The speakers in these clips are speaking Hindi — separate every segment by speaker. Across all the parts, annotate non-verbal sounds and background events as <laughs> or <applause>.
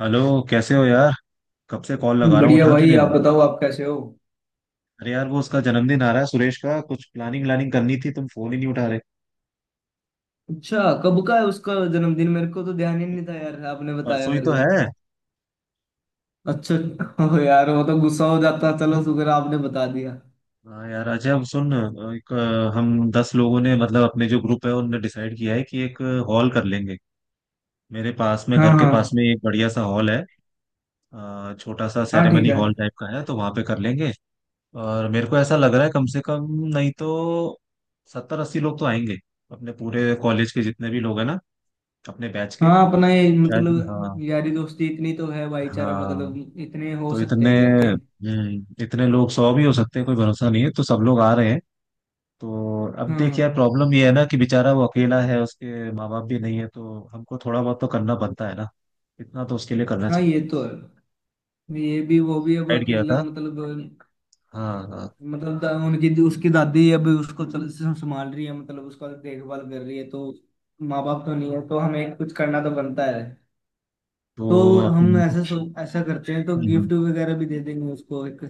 Speaker 1: हेलो। कैसे हो यार। कब से कॉल लगा रहा हूँ,
Speaker 2: बढ़िया
Speaker 1: उठा क्यों
Speaker 2: भाई,
Speaker 1: नहीं
Speaker 2: आप
Speaker 1: रहे।
Speaker 2: बताओ। आप कैसे हो?
Speaker 1: अरे यार वो उसका जन्मदिन आ रहा है सुरेश का, कुछ प्लानिंग व्लानिंग करनी थी, तुम फोन ही नहीं उठा रहे।
Speaker 2: अच्छा। कब का है उसका जन्मदिन? मेरे को तो ध्यान ही नहीं था यार, आपने बताया
Speaker 1: परसों ही
Speaker 2: मेरे
Speaker 1: तो
Speaker 2: को।
Speaker 1: है।
Speaker 2: अच्छा। <laughs> हो यार, वो तो गुस्सा हो जाता। चलो शुक्र आपने बता दिया।
Speaker 1: हाँ यार अच्छा अब सुन। एक हम दस लोगों ने मतलब अपने जो ग्रुप है उनने डिसाइड किया है कि एक हॉल कर लेंगे। मेरे पास में
Speaker 2: हाँ
Speaker 1: घर के पास
Speaker 2: हाँ।
Speaker 1: में एक बढ़िया सा हॉल है। छोटा सा
Speaker 2: हाँ, ठीक
Speaker 1: सेरेमनी
Speaker 2: है।
Speaker 1: हॉल टाइप का है तो वहां पे कर लेंगे। और मेरे को ऐसा लग रहा है कम
Speaker 2: हम्म।
Speaker 1: से कम नहीं तो सत्तर अस्सी लोग तो आएंगे। अपने पूरे कॉलेज के जितने भी लोग हैं ना, अपने बैच के।
Speaker 2: हाँ, अपना ये
Speaker 1: शायद
Speaker 2: मतलब
Speaker 1: हाँ।
Speaker 2: यारी दोस्ती इतनी तो है, भाईचारा
Speaker 1: हाँ
Speaker 2: मतलब इतने हो
Speaker 1: तो इतने।
Speaker 2: सकते हैं इकट्ठे।
Speaker 1: हम्म, इतने लोग सौ भी हो सकते हैं, कोई भरोसा नहीं है तो सब लोग आ रहे हैं। तो अब
Speaker 2: हाँ
Speaker 1: देख यार,
Speaker 2: हाँ।
Speaker 1: प्रॉब्लम ये है ना कि बेचारा वो अकेला है, उसके माँ बाप भी नहीं है, तो हमको थोड़ा बहुत तो करना बनता है ना। इतना तो उसके लिए करना
Speaker 2: हाँ, ये
Speaker 1: चाहिए।
Speaker 2: तो है। ये भी वो भी, अब
Speaker 1: डिसाइड किया
Speaker 2: अकेला
Speaker 1: था।
Speaker 2: मतलब।
Speaker 1: हाँ हाँ।
Speaker 2: मतलब दा- उनकी उसकी दादी अब उसको चल संभाल रही है, मतलब उसका देखभाल कर रही है, तो माँ बाप तो नहीं है तो हमें कुछ करना तो बनता है। तो
Speaker 1: तो
Speaker 2: हम
Speaker 1: अपन-
Speaker 2: ऐसा ऐसा करते हैं तो
Speaker 1: हम्म, हम्म।
Speaker 2: गिफ्ट वगैरह भी दे देंगे उसको एक।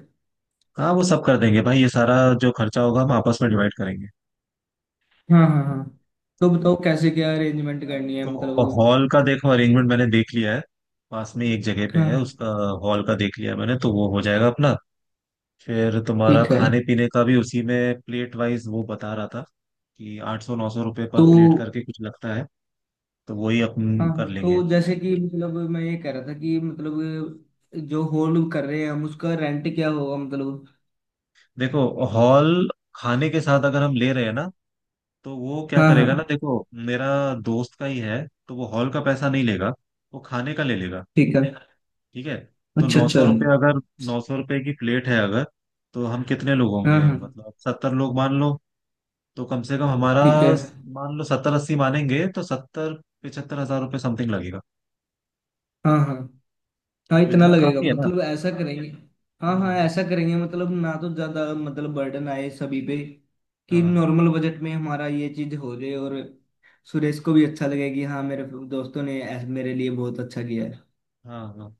Speaker 1: हाँ वो सब कर देंगे भाई, ये सारा जो खर्चा होगा हम आपस में डिवाइड करेंगे।
Speaker 2: हाँ हाँ हाँ। तो बताओ कैसे क्या अरेंजमेंट करनी है
Speaker 1: तो हॉल
Speaker 2: मतलब।
Speaker 1: का देखो अरेंजमेंट मैंने देख लिया है, पास में एक जगह पे
Speaker 2: हाँ
Speaker 1: है
Speaker 2: हाँ,
Speaker 1: उसका। हॉल का देख लिया मैंने तो वो हो जाएगा अपना। फिर तुम्हारा
Speaker 2: ठीक है।
Speaker 1: खाने पीने का भी उसी में प्लेट वाइज वो बता रहा था कि आठ सौ नौ सौ रुपये पर
Speaker 2: तो
Speaker 1: प्लेट करके कुछ लगता है, तो वही
Speaker 2: हाँ
Speaker 1: अपन कर
Speaker 2: हाँ,
Speaker 1: लेंगे।
Speaker 2: तो जैसे कि मतलब मैं ये कह रहा था कि मतलब जो होल्ड कर रहे हैं हम, उसका रेंट क्या होगा मतलब।
Speaker 1: देखो हॉल, खाने के साथ अगर हम ले रहे हैं ना, तो वो क्या
Speaker 2: हाँ
Speaker 1: करेगा ना,
Speaker 2: हाँ,
Speaker 1: देखो, मेरा दोस्त का ही है तो वो हॉल का पैसा नहीं लेगा, वो खाने का ले लेगा।
Speaker 2: ठीक है।
Speaker 1: ठीक है। तो
Speaker 2: अच्छा
Speaker 1: नौ
Speaker 2: अच्छा।
Speaker 1: सौ रुपये अगर, नौ सौ रुपये की प्लेट है अगर, तो हम कितने लोग
Speaker 2: हाँ
Speaker 1: होंगे,
Speaker 2: हाँ,
Speaker 1: मतलब सत्तर लोग मान लो। तो कम से कम हमारा,
Speaker 2: ठीक है।
Speaker 1: मान लो सत्तर अस्सी मानेंगे तो सत्तर 75000 हजार रुपये समथिंग लगेगा।
Speaker 2: हाँ हाँ हाँ,
Speaker 1: तो
Speaker 2: इतना
Speaker 1: इतना
Speaker 2: लगेगा
Speaker 1: काफी है ना।
Speaker 2: मतलब, ऐसा करेंगे। हाँ हाँ,
Speaker 1: हम्म,
Speaker 2: ऐसा करेंगे, मतलब ना तो ज्यादा मतलब बर्डन आए सभी पे, कि
Speaker 1: हाँ
Speaker 2: नॉर्मल बजट में हमारा ये चीज हो जाए और सुरेश को भी अच्छा लगे कि हाँ, मेरे दोस्तों ने मेरे लिए बहुत अच्छा किया है।
Speaker 1: हाँ हाँ।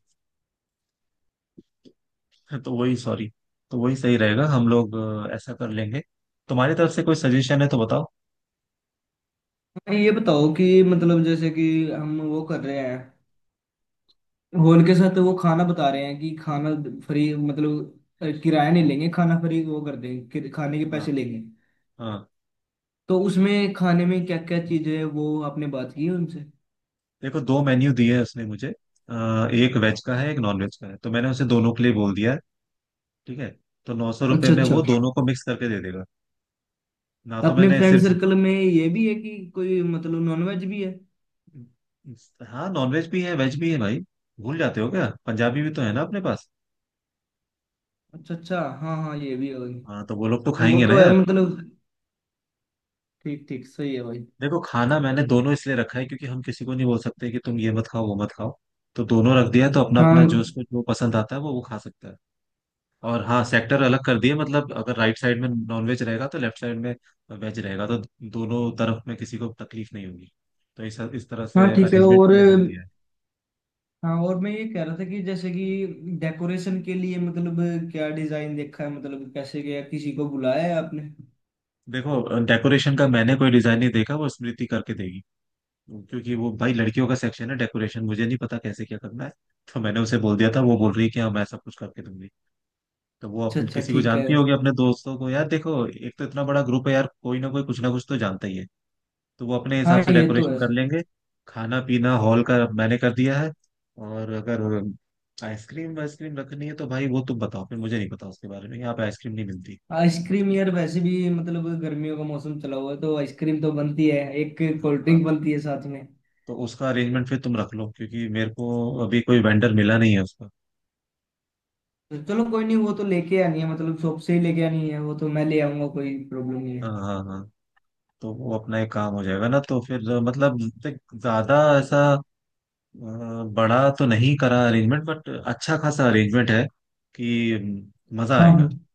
Speaker 1: <laughs> तो वही सॉरी, तो वही सही रहेगा। हम लोग ऐसा कर लेंगे। तुम्हारी तरफ से कोई सजेशन है तो बताओ।
Speaker 2: हाँ, ये बताओ कि मतलब जैसे कि हम वो कर रहे हैं, हॉल के साथ वो खाना बता रहे हैं कि खाना फ्री, मतलब किराया नहीं लेंगे, खाना फ्री वो कर देंगे, खाने के
Speaker 1: हाँ
Speaker 2: पैसे लेंगे।
Speaker 1: हाँ।
Speaker 2: तो उसमें खाने में क्या क्या चीज है, वो आपने बात की उनसे?
Speaker 1: देखो दो मेन्यू दिए है उसने मुझे। एक वेज का है एक नॉन वेज का है तो मैंने उसे दोनों के लिए बोल दिया है। ठीक है। तो नौ सौ रुपये
Speaker 2: अच्छा
Speaker 1: में
Speaker 2: अच्छा।
Speaker 1: वो दोनों को मिक्स करके दे देगा ना।
Speaker 2: तो
Speaker 1: तो
Speaker 2: अपने
Speaker 1: मैंने
Speaker 2: फ्रेंड
Speaker 1: सिर्फ,
Speaker 2: सर्कल में ये भी है कि कोई मतलब नॉनवेज भी है।
Speaker 1: हाँ नॉन वेज भी है भाई, भूल जाते हो क्या, पंजाबी भी तो है ना अपने पास।
Speaker 2: अच्छा अच्छा, हाँ हाँ, ये भी है
Speaker 1: हाँ
Speaker 2: भाई।
Speaker 1: तो वो लोग तो
Speaker 2: वो
Speaker 1: खाएंगे ना
Speaker 2: तो है
Speaker 1: यार।
Speaker 2: मतलब, ठीक ठीक, सही है भाई।
Speaker 1: देखो खाना मैंने दोनों इसलिए रखा है क्योंकि हम किसी को नहीं बोल सकते कि तुम ये मत खाओ वो मत खाओ। तो दोनों रख दिया है, तो अपना अपना
Speaker 2: हाँ
Speaker 1: जो उसको जो पसंद आता है वो खा सकता है। और हाँ सेक्टर अलग कर दिए, मतलब अगर राइट साइड में नॉनवेज रहेगा तो लेफ्ट साइड में वेज रहेगा, तो दोनों तरफ में किसी को तकलीफ नहीं होगी। तो इस तरह
Speaker 2: हाँ,
Speaker 1: से
Speaker 2: ठीक है,
Speaker 1: अरेंजमेंट
Speaker 2: और
Speaker 1: के लिए बोल दिया है।
Speaker 2: हाँ, और मैं ये कह रहा था कि जैसे कि डेकोरेशन के लिए मतलब, क्या डिजाइन देखा है, मतलब कैसे गया, किसी को बुलाया है आपने?
Speaker 1: देखो डेकोरेशन का मैंने कोई डिजाइन नहीं देखा, वो स्मृति करके देगी, क्योंकि वो भाई लड़कियों का सेक्शन है डेकोरेशन, मुझे नहीं पता कैसे क्या करना है। तो मैंने उसे बोल दिया था, वो बोल रही है कि हाँ मैं सब कुछ करके दूंगी। तो वो
Speaker 2: अच्छा
Speaker 1: अपन
Speaker 2: अच्छा,
Speaker 1: किसी को
Speaker 2: ठीक है।
Speaker 1: जानती होगी अपने दोस्तों को, यार देखो एक तो इतना बड़ा ग्रुप है यार, कोई ना कोई कुछ ना कुछ तो जानता ही है। तो वो अपने
Speaker 2: हाँ,
Speaker 1: हिसाब से
Speaker 2: ये तो
Speaker 1: डेकोरेशन
Speaker 2: है।
Speaker 1: कर लेंगे। खाना पीना हॉल का मैंने कर दिया है। और अगर आइसक्रीम वाइसक्रीम रखनी है तो भाई वो तुम बताओ, फिर मुझे नहीं पता उसके बारे में, यहाँ पे आइसक्रीम नहीं मिलती।
Speaker 2: आइसक्रीम यार, वैसे भी मतलब गर्मियों का मौसम चला हुआ है, तो आइसक्रीम तो बनती है, एक कोल्ड
Speaker 1: हाँ
Speaker 2: ड्रिंक बनती है साथ में।
Speaker 1: तो उसका अरेंजमेंट फिर तुम रख लो क्योंकि मेरे को अभी कोई वेंडर मिला नहीं है उसका।
Speaker 2: तो चलो, कोई नहीं, वो तो लेके आनी है मतलब, शॉप से ही लेके आनी है, वो तो मैं ले आऊंगा, कोई प्रॉब्लम नहीं
Speaker 1: हाँ
Speaker 2: है।
Speaker 1: हाँ हाँ। तो वो अपना एक काम हो जाएगा ना। तो फिर मतलब देख, ज्यादा ऐसा बड़ा तो नहीं करा अरेंजमेंट, बट अच्छा खासा अरेंजमेंट है कि मजा
Speaker 2: हाँ
Speaker 1: आएगा,
Speaker 2: हाँ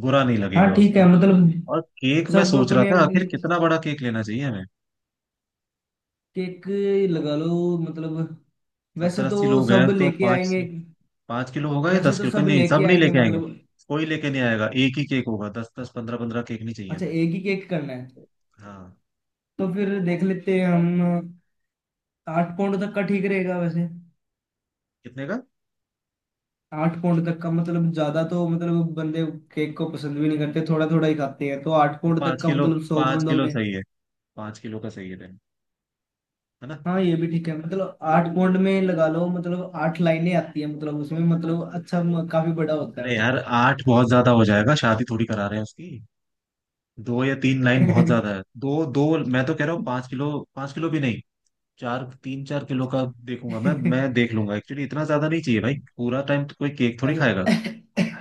Speaker 1: बुरा नहीं
Speaker 2: हाँ,
Speaker 1: लगेगा
Speaker 2: ठीक है
Speaker 1: उसको।
Speaker 2: मतलब।
Speaker 1: और केक मैं
Speaker 2: सब
Speaker 1: सोच रहा
Speaker 2: अपने
Speaker 1: था आखिर कितना बड़ा केक लेना चाहिए हमें।
Speaker 2: केक लगा लो मतलब, वैसे
Speaker 1: सत्तर
Speaker 2: तो
Speaker 1: अस्सी लोग हैं
Speaker 2: सब
Speaker 1: तो
Speaker 2: लेके
Speaker 1: पाँच,
Speaker 2: आएंगे।
Speaker 1: पाँच किलो होगा या
Speaker 2: वैसे
Speaker 1: दस
Speaker 2: तो
Speaker 1: किलो का,
Speaker 2: सब
Speaker 1: नहीं
Speaker 2: लेके
Speaker 1: सब नहीं
Speaker 2: आएंगे
Speaker 1: लेके आएंगे,
Speaker 2: मतलब।
Speaker 1: कोई लेके नहीं आएगा एक ही केक होगा, दस दस पंद्रह पंद्रह केक नहीं चाहिए
Speaker 2: अच्छा,
Speaker 1: हमें।
Speaker 2: एक ही केक करना है।
Speaker 1: हाँ।
Speaker 2: तो फिर देख लेते हैं हम, आठ पाउंड तक का ठीक रहेगा वैसे।
Speaker 1: कितने का।
Speaker 2: 8 पाउंड तक का मतलब, ज्यादा तो मतलब बंदे केक को पसंद भी नहीं करते, थोड़ा थोड़ा ही खाते हैं, तो आठ
Speaker 1: तो
Speaker 2: पाउंड तक
Speaker 1: पाँच
Speaker 2: का
Speaker 1: किलो,
Speaker 2: मतलब, सौ
Speaker 1: पाँच
Speaker 2: बंदों
Speaker 1: किलो
Speaker 2: में।
Speaker 1: सही है, पाँच किलो का सही है ना।
Speaker 2: हाँ, ये भी ठीक है मतलब, 8 पॉइंट में लगा लो, मतलब 8 लाइनें आती है मतलब उसमें, मतलब अच्छा काफी बड़ा होता
Speaker 1: अरे
Speaker 2: है वो।
Speaker 1: यार आठ बहुत ज्यादा हो जाएगा, शादी थोड़ी करा रहे हैं उसकी। दो या तीन लाइन बहुत ज्यादा है, दो दो मैं तो कह रहा हूँ पाँच
Speaker 2: <laughs>
Speaker 1: किलो, पाँच किलो भी नहीं, चार, तीन चार किलो का देखूंगा मैं देख लूंगा एक्चुअली, इतना ज्यादा नहीं चाहिए भाई, पूरा टाइम तो कोई केक थोड़ी खाएगा।
Speaker 2: अगर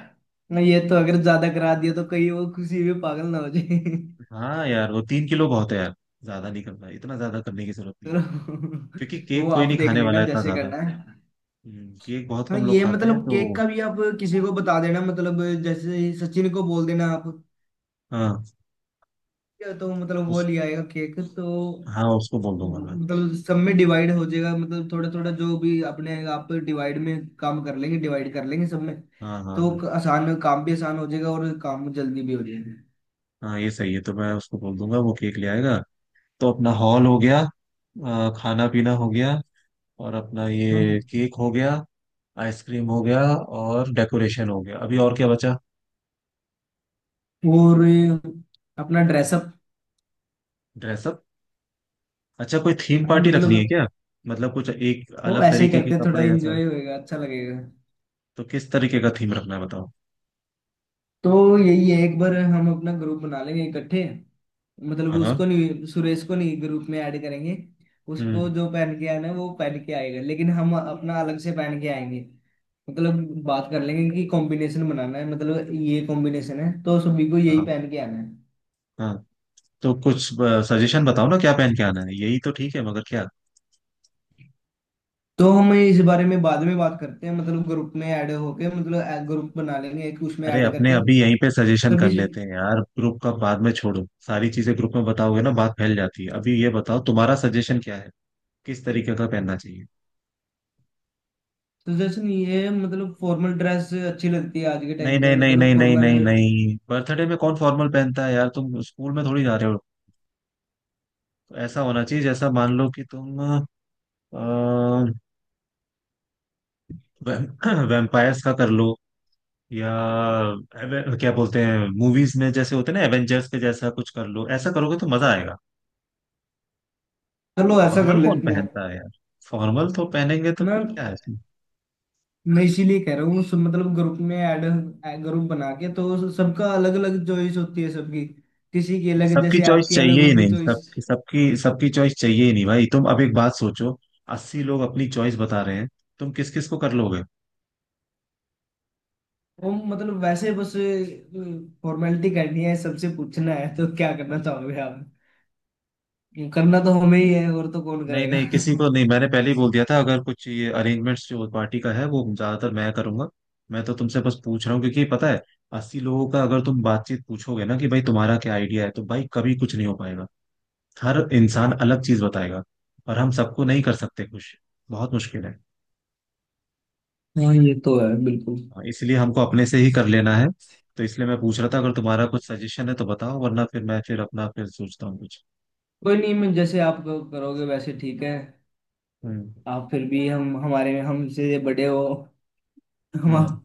Speaker 2: <laughs> ना ये तो, अगर ज्यादा करा दिया तो कहीं वो किसी भी पागल ना हो जाए।
Speaker 1: हाँ यार वो तीन किलो बहुत है यार, ज्यादा नहीं करना है, इतना ज्यादा करने की जरूरत
Speaker 2: <laughs>
Speaker 1: नहीं है,
Speaker 2: तो
Speaker 1: क्योंकि केक
Speaker 2: वो
Speaker 1: कोई
Speaker 2: आप
Speaker 1: नहीं
Speaker 2: देख
Speaker 1: खाने
Speaker 2: लेना
Speaker 1: वाला है इतना
Speaker 2: जैसे
Speaker 1: ज्यादा।
Speaker 2: करना है।
Speaker 1: केक बहुत
Speaker 2: हाँ,
Speaker 1: कम लोग
Speaker 2: ये
Speaker 1: खाते हैं
Speaker 2: मतलब केक
Speaker 1: तो।
Speaker 2: का भी आप किसी को बता देना, मतलब जैसे सचिन को बोल देना आप,
Speaker 1: हाँ
Speaker 2: या तो मतलब वो
Speaker 1: उस,
Speaker 2: ले आएगा केक तो।
Speaker 1: हाँ उसको बोल दूंगा मैं।
Speaker 2: मतलब सब में डिवाइड हो जाएगा, मतलब थोड़ा थोड़ा जो भी, अपने आप डिवाइड में काम कर लेंगे, डिवाइड कर लेंगे सब में,
Speaker 1: हाँ हाँ
Speaker 2: तो
Speaker 1: हाँ।
Speaker 2: आसान काम भी आसान हो जाएगा और काम जल्दी भी हो जाएगा।
Speaker 1: हाँ ये सही है तो मैं उसको बोल दूंगा वो केक ले आएगा। तो अपना हॉल हो गया, खाना पीना हो गया, और अपना ये
Speaker 2: हम्म।
Speaker 1: केक हो गया, आइसक्रीम हो गया, और डेकोरेशन हो गया, अभी और क्या बचा।
Speaker 2: और अपना ड्रेसअप।
Speaker 1: ड्रेसअप। अच्छा कोई थीम
Speaker 2: हाँ
Speaker 1: पार्टी रखनी है
Speaker 2: मतलब,
Speaker 1: क्या, मतलब कुछ एक
Speaker 2: वो
Speaker 1: अलग
Speaker 2: ऐसे ही
Speaker 1: तरीके के
Speaker 2: करते हैं, थोड़ा
Speaker 1: कपड़े जैसा।
Speaker 2: एंजॉय होएगा, अच्छा लगेगा।
Speaker 1: तो किस तरीके का थीम रखना है बताओ।
Speaker 2: तो यही है, एक बार हम अपना ग्रुप बना लेंगे इकट्ठे, मतलब
Speaker 1: हाँ हाँ।
Speaker 2: उसको नहीं, सुरेश को नहीं ग्रुप में ऐड करेंगे। उसको
Speaker 1: हम्म।
Speaker 2: जो पहन के आना है वो पहन के आएगा, लेकिन हम अपना अलग से पहन के आएंगे, मतलब बात कर लेंगे कि कॉम्बिनेशन बनाना है, मतलब ये कॉम्बिनेशन है तो सभी को यही
Speaker 1: हाँ
Speaker 2: पहन के आना है।
Speaker 1: हाँ। तो कुछ सजेशन बताओ ना क्या पहन के आना है, यही तो ठीक है मगर क्या।
Speaker 2: तो हम इस बारे में बाद में बात करते हैं, मतलब ग्रुप में ऐड होके, मतलब ग्रुप बना लेंगे एक, उसमें
Speaker 1: अरे
Speaker 2: ऐड
Speaker 1: अपने
Speaker 2: करके
Speaker 1: अभी यहीं पे सजेशन कर
Speaker 2: सभी से।
Speaker 1: लेते हैं यार, ग्रुप का बाद में छोड़ो, सारी चीजें ग्रुप में बताओगे ना बात फैल जाती है, अभी ये बताओ तुम्हारा सजेशन क्या है, किस तरीके का पहनना चाहिए।
Speaker 2: तो जैसे नहीं है मतलब, फॉर्मल ड्रेस अच्छी लगती है आज के
Speaker 1: नहीं
Speaker 2: टाइम में,
Speaker 1: नहीं नहीं
Speaker 2: मतलब
Speaker 1: नहीं नहीं
Speaker 2: फॉर्मल।
Speaker 1: नहीं नहीं, बर्थडे में कौन फॉर्मल पहनता है यार, तुम स्कूल में थोड़ी जा रहे हो। ऐसा होना चाहिए जैसा मान लो कि तुम वैम्पायर्स <clears throat> का कर लो, या क्या बोलते हैं मूवीज में जैसे होते हैं ना एवेंजर्स के जैसा कुछ कर लो, ऐसा करोगे तो मजा आएगा।
Speaker 2: चलो ऐसा
Speaker 1: फॉर्मल
Speaker 2: कर
Speaker 1: कौन
Speaker 2: लेते हैं।
Speaker 1: पहनता है यार, फॉर्मल तो पहनेंगे तो फिर
Speaker 2: मैं
Speaker 1: क्या है इसमें।
Speaker 2: मैं इसीलिए कह रहा हूँ सब, मतलब ग्रुप में ऐड, ग्रुप बना के, तो सबका अलग अलग चॉइस होती है सबकी, किसी की अलग,
Speaker 1: सबकी
Speaker 2: जैसे
Speaker 1: चॉइस
Speaker 2: आपकी अलग
Speaker 1: चाहिए ही
Speaker 2: होगी
Speaker 1: नहीं सब,
Speaker 2: चॉइस।
Speaker 1: सबकी सबकी चॉइस चाहिए ही नहीं भाई। तुम अब एक बात सोचो अस्सी लोग अपनी चॉइस बता रहे हैं, तुम किस किस को कर लोगे।
Speaker 2: वो मतलब वैसे बस फॉर्मेलिटी करनी है, सबसे पूछना है तो क्या करना चाहोगे आप? करना तो हमें ही है, और तो कौन
Speaker 1: नहीं
Speaker 2: करेगा?
Speaker 1: नहीं किसी
Speaker 2: <laughs>
Speaker 1: को नहीं, मैंने पहले ही बोल दिया था अगर कुछ ये अरेंजमेंट्स जो पार्टी का है वो ज्यादातर मैं करूंगा। मैं तो तुमसे बस पूछ रहा हूँ क्योंकि पता है, अस्सी लोगों का अगर तुम बातचीत पूछोगे ना कि भाई तुम्हारा क्या आइडिया है, तो भाई कभी कुछ नहीं हो पाएगा, हर इंसान अलग चीज बताएगा, और हम सबको नहीं कर सकते खुश, बहुत मुश्किल है।
Speaker 2: हाँ, ये तो है बिल्कुल।
Speaker 1: हाँ, इसलिए हमको अपने से ही कर लेना है। तो इसलिए मैं पूछ रहा था अगर तुम्हारा कुछ सजेशन है तो बताओ, वरना फिर मैं, फिर अपना फिर सोचता हूँ कुछ।
Speaker 2: कोई नहीं, मैं जैसे आप करोगे वैसे ठीक है।
Speaker 1: हम्म।
Speaker 2: आप फिर भी हम हमारे हमसे बड़े हो। हम
Speaker 1: हम्म।
Speaker 2: आप,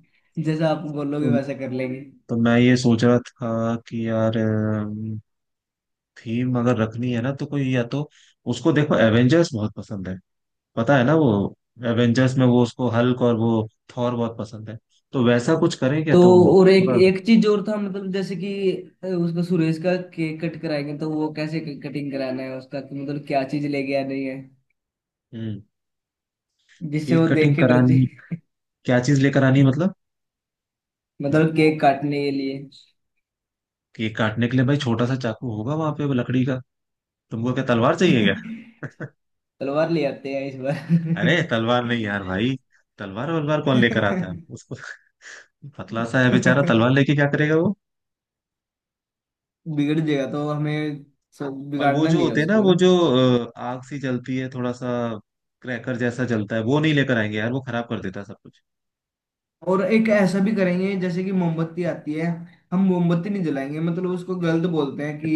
Speaker 2: जैसा आप बोलोगे
Speaker 1: तो,
Speaker 2: वैसा कर लेंगे।
Speaker 1: तो मैं ये सोच रहा था कि यार थीम अगर रखनी है ना तो कोई, या तो उसको देखो एवेंजर्स बहुत पसंद है, पता है ना वो, एवेंजर्स में वो उसको हल्क और वो थॉर बहुत पसंद है, तो वैसा कुछ करें क्या
Speaker 2: तो
Speaker 1: तुम
Speaker 2: और एक
Speaker 1: थोड़ा।
Speaker 2: एक चीज और था मतलब, जैसे कि उसका सुरेश का केक कट कराएंगे तो वो कैसे कटिंग कराना है उसका, कि मतलब क्या चीज लेके आनी है,
Speaker 1: हम्म।
Speaker 2: जिससे
Speaker 1: केक
Speaker 2: वो देख
Speaker 1: कटिंग
Speaker 2: के डर
Speaker 1: करानी,
Speaker 2: जाए?
Speaker 1: क्या चीज लेकर आनी है मतलब।
Speaker 2: मतलब केक काटने के लिए।
Speaker 1: केक काटने के लिए भाई छोटा सा चाकू होगा वहां पे वो लकड़ी का, तुमको क्या तलवार चाहिए क्या।
Speaker 2: <laughs> तलवार ले आते हैं इस बार।
Speaker 1: <laughs> अरे तलवार नहीं
Speaker 2: <laughs>
Speaker 1: यार भाई, तलवार वलवार कौन लेकर आता है उसको। <laughs> पतला सा है बेचारा, तलवार लेके क्या करेगा वो।
Speaker 2: बिगड़ जाएगा तो हमें, सो
Speaker 1: और वो
Speaker 2: बिगाड़ना
Speaker 1: जो
Speaker 2: नहीं है
Speaker 1: होते हैं ना,
Speaker 2: उसको ना।
Speaker 1: वो जो आग सी जलती है थोड़ा सा, क्रैकर जैसा जलता है, वो नहीं लेकर आएंगे यार, वो खराब कर देता है सब कुछ।
Speaker 2: और एक ऐसा भी करेंगे, जैसे कि मोमबत्ती आती है, हम मोमबत्ती नहीं जलाएंगे, मतलब उसको गलत बोलते हैं कि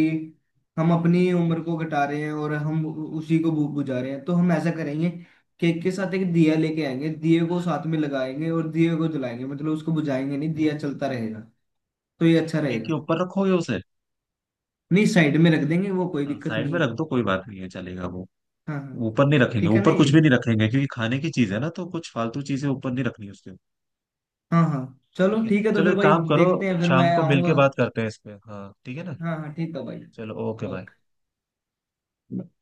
Speaker 2: हम अपनी उम्र को घटा रहे हैं और हम उसी को बुझा रहे हैं, तो हम ऐसा करेंगे। केक के साथ एक दिया लेके आएंगे, दिए को साथ में लगाएंगे और दिए को जलाएंगे, मतलब उसको बुझाएंगे नहीं, दिया चलता रहेगा, तो ये अच्छा
Speaker 1: केक के
Speaker 2: रहेगा।
Speaker 1: ऊपर रखोगे उसे।
Speaker 2: नहीं, साइड में रख देंगे वो, कोई
Speaker 1: हाँ
Speaker 2: दिक्कत
Speaker 1: साइड
Speaker 2: नहीं
Speaker 1: में
Speaker 2: है।
Speaker 1: रख दो, कोई बात नहीं है, चलेगा वो।
Speaker 2: हाँ हाँ,
Speaker 1: ऊपर नहीं रखेंगे,
Speaker 2: ठीक है ना
Speaker 1: ऊपर
Speaker 2: ये।
Speaker 1: कुछ भी नहीं रखेंगे, क्योंकि खाने की चीज है ना, तो कुछ फालतू चीजें ऊपर नहीं रखनी उसके।
Speaker 2: हाँ हाँ,
Speaker 1: ठीक
Speaker 2: चलो
Speaker 1: है
Speaker 2: ठीक है तो
Speaker 1: चलो
Speaker 2: फिर
Speaker 1: एक
Speaker 2: भाई
Speaker 1: काम करो,
Speaker 2: देखते हैं, फिर
Speaker 1: शाम
Speaker 2: मैं
Speaker 1: को
Speaker 2: आऊँगा।
Speaker 1: मिलके बात करते हैं इस पे, हाँ ठीक है ना।
Speaker 2: हाँ हाँ, ठीक है भाई।
Speaker 1: चलो ओके बाय।
Speaker 2: ओके।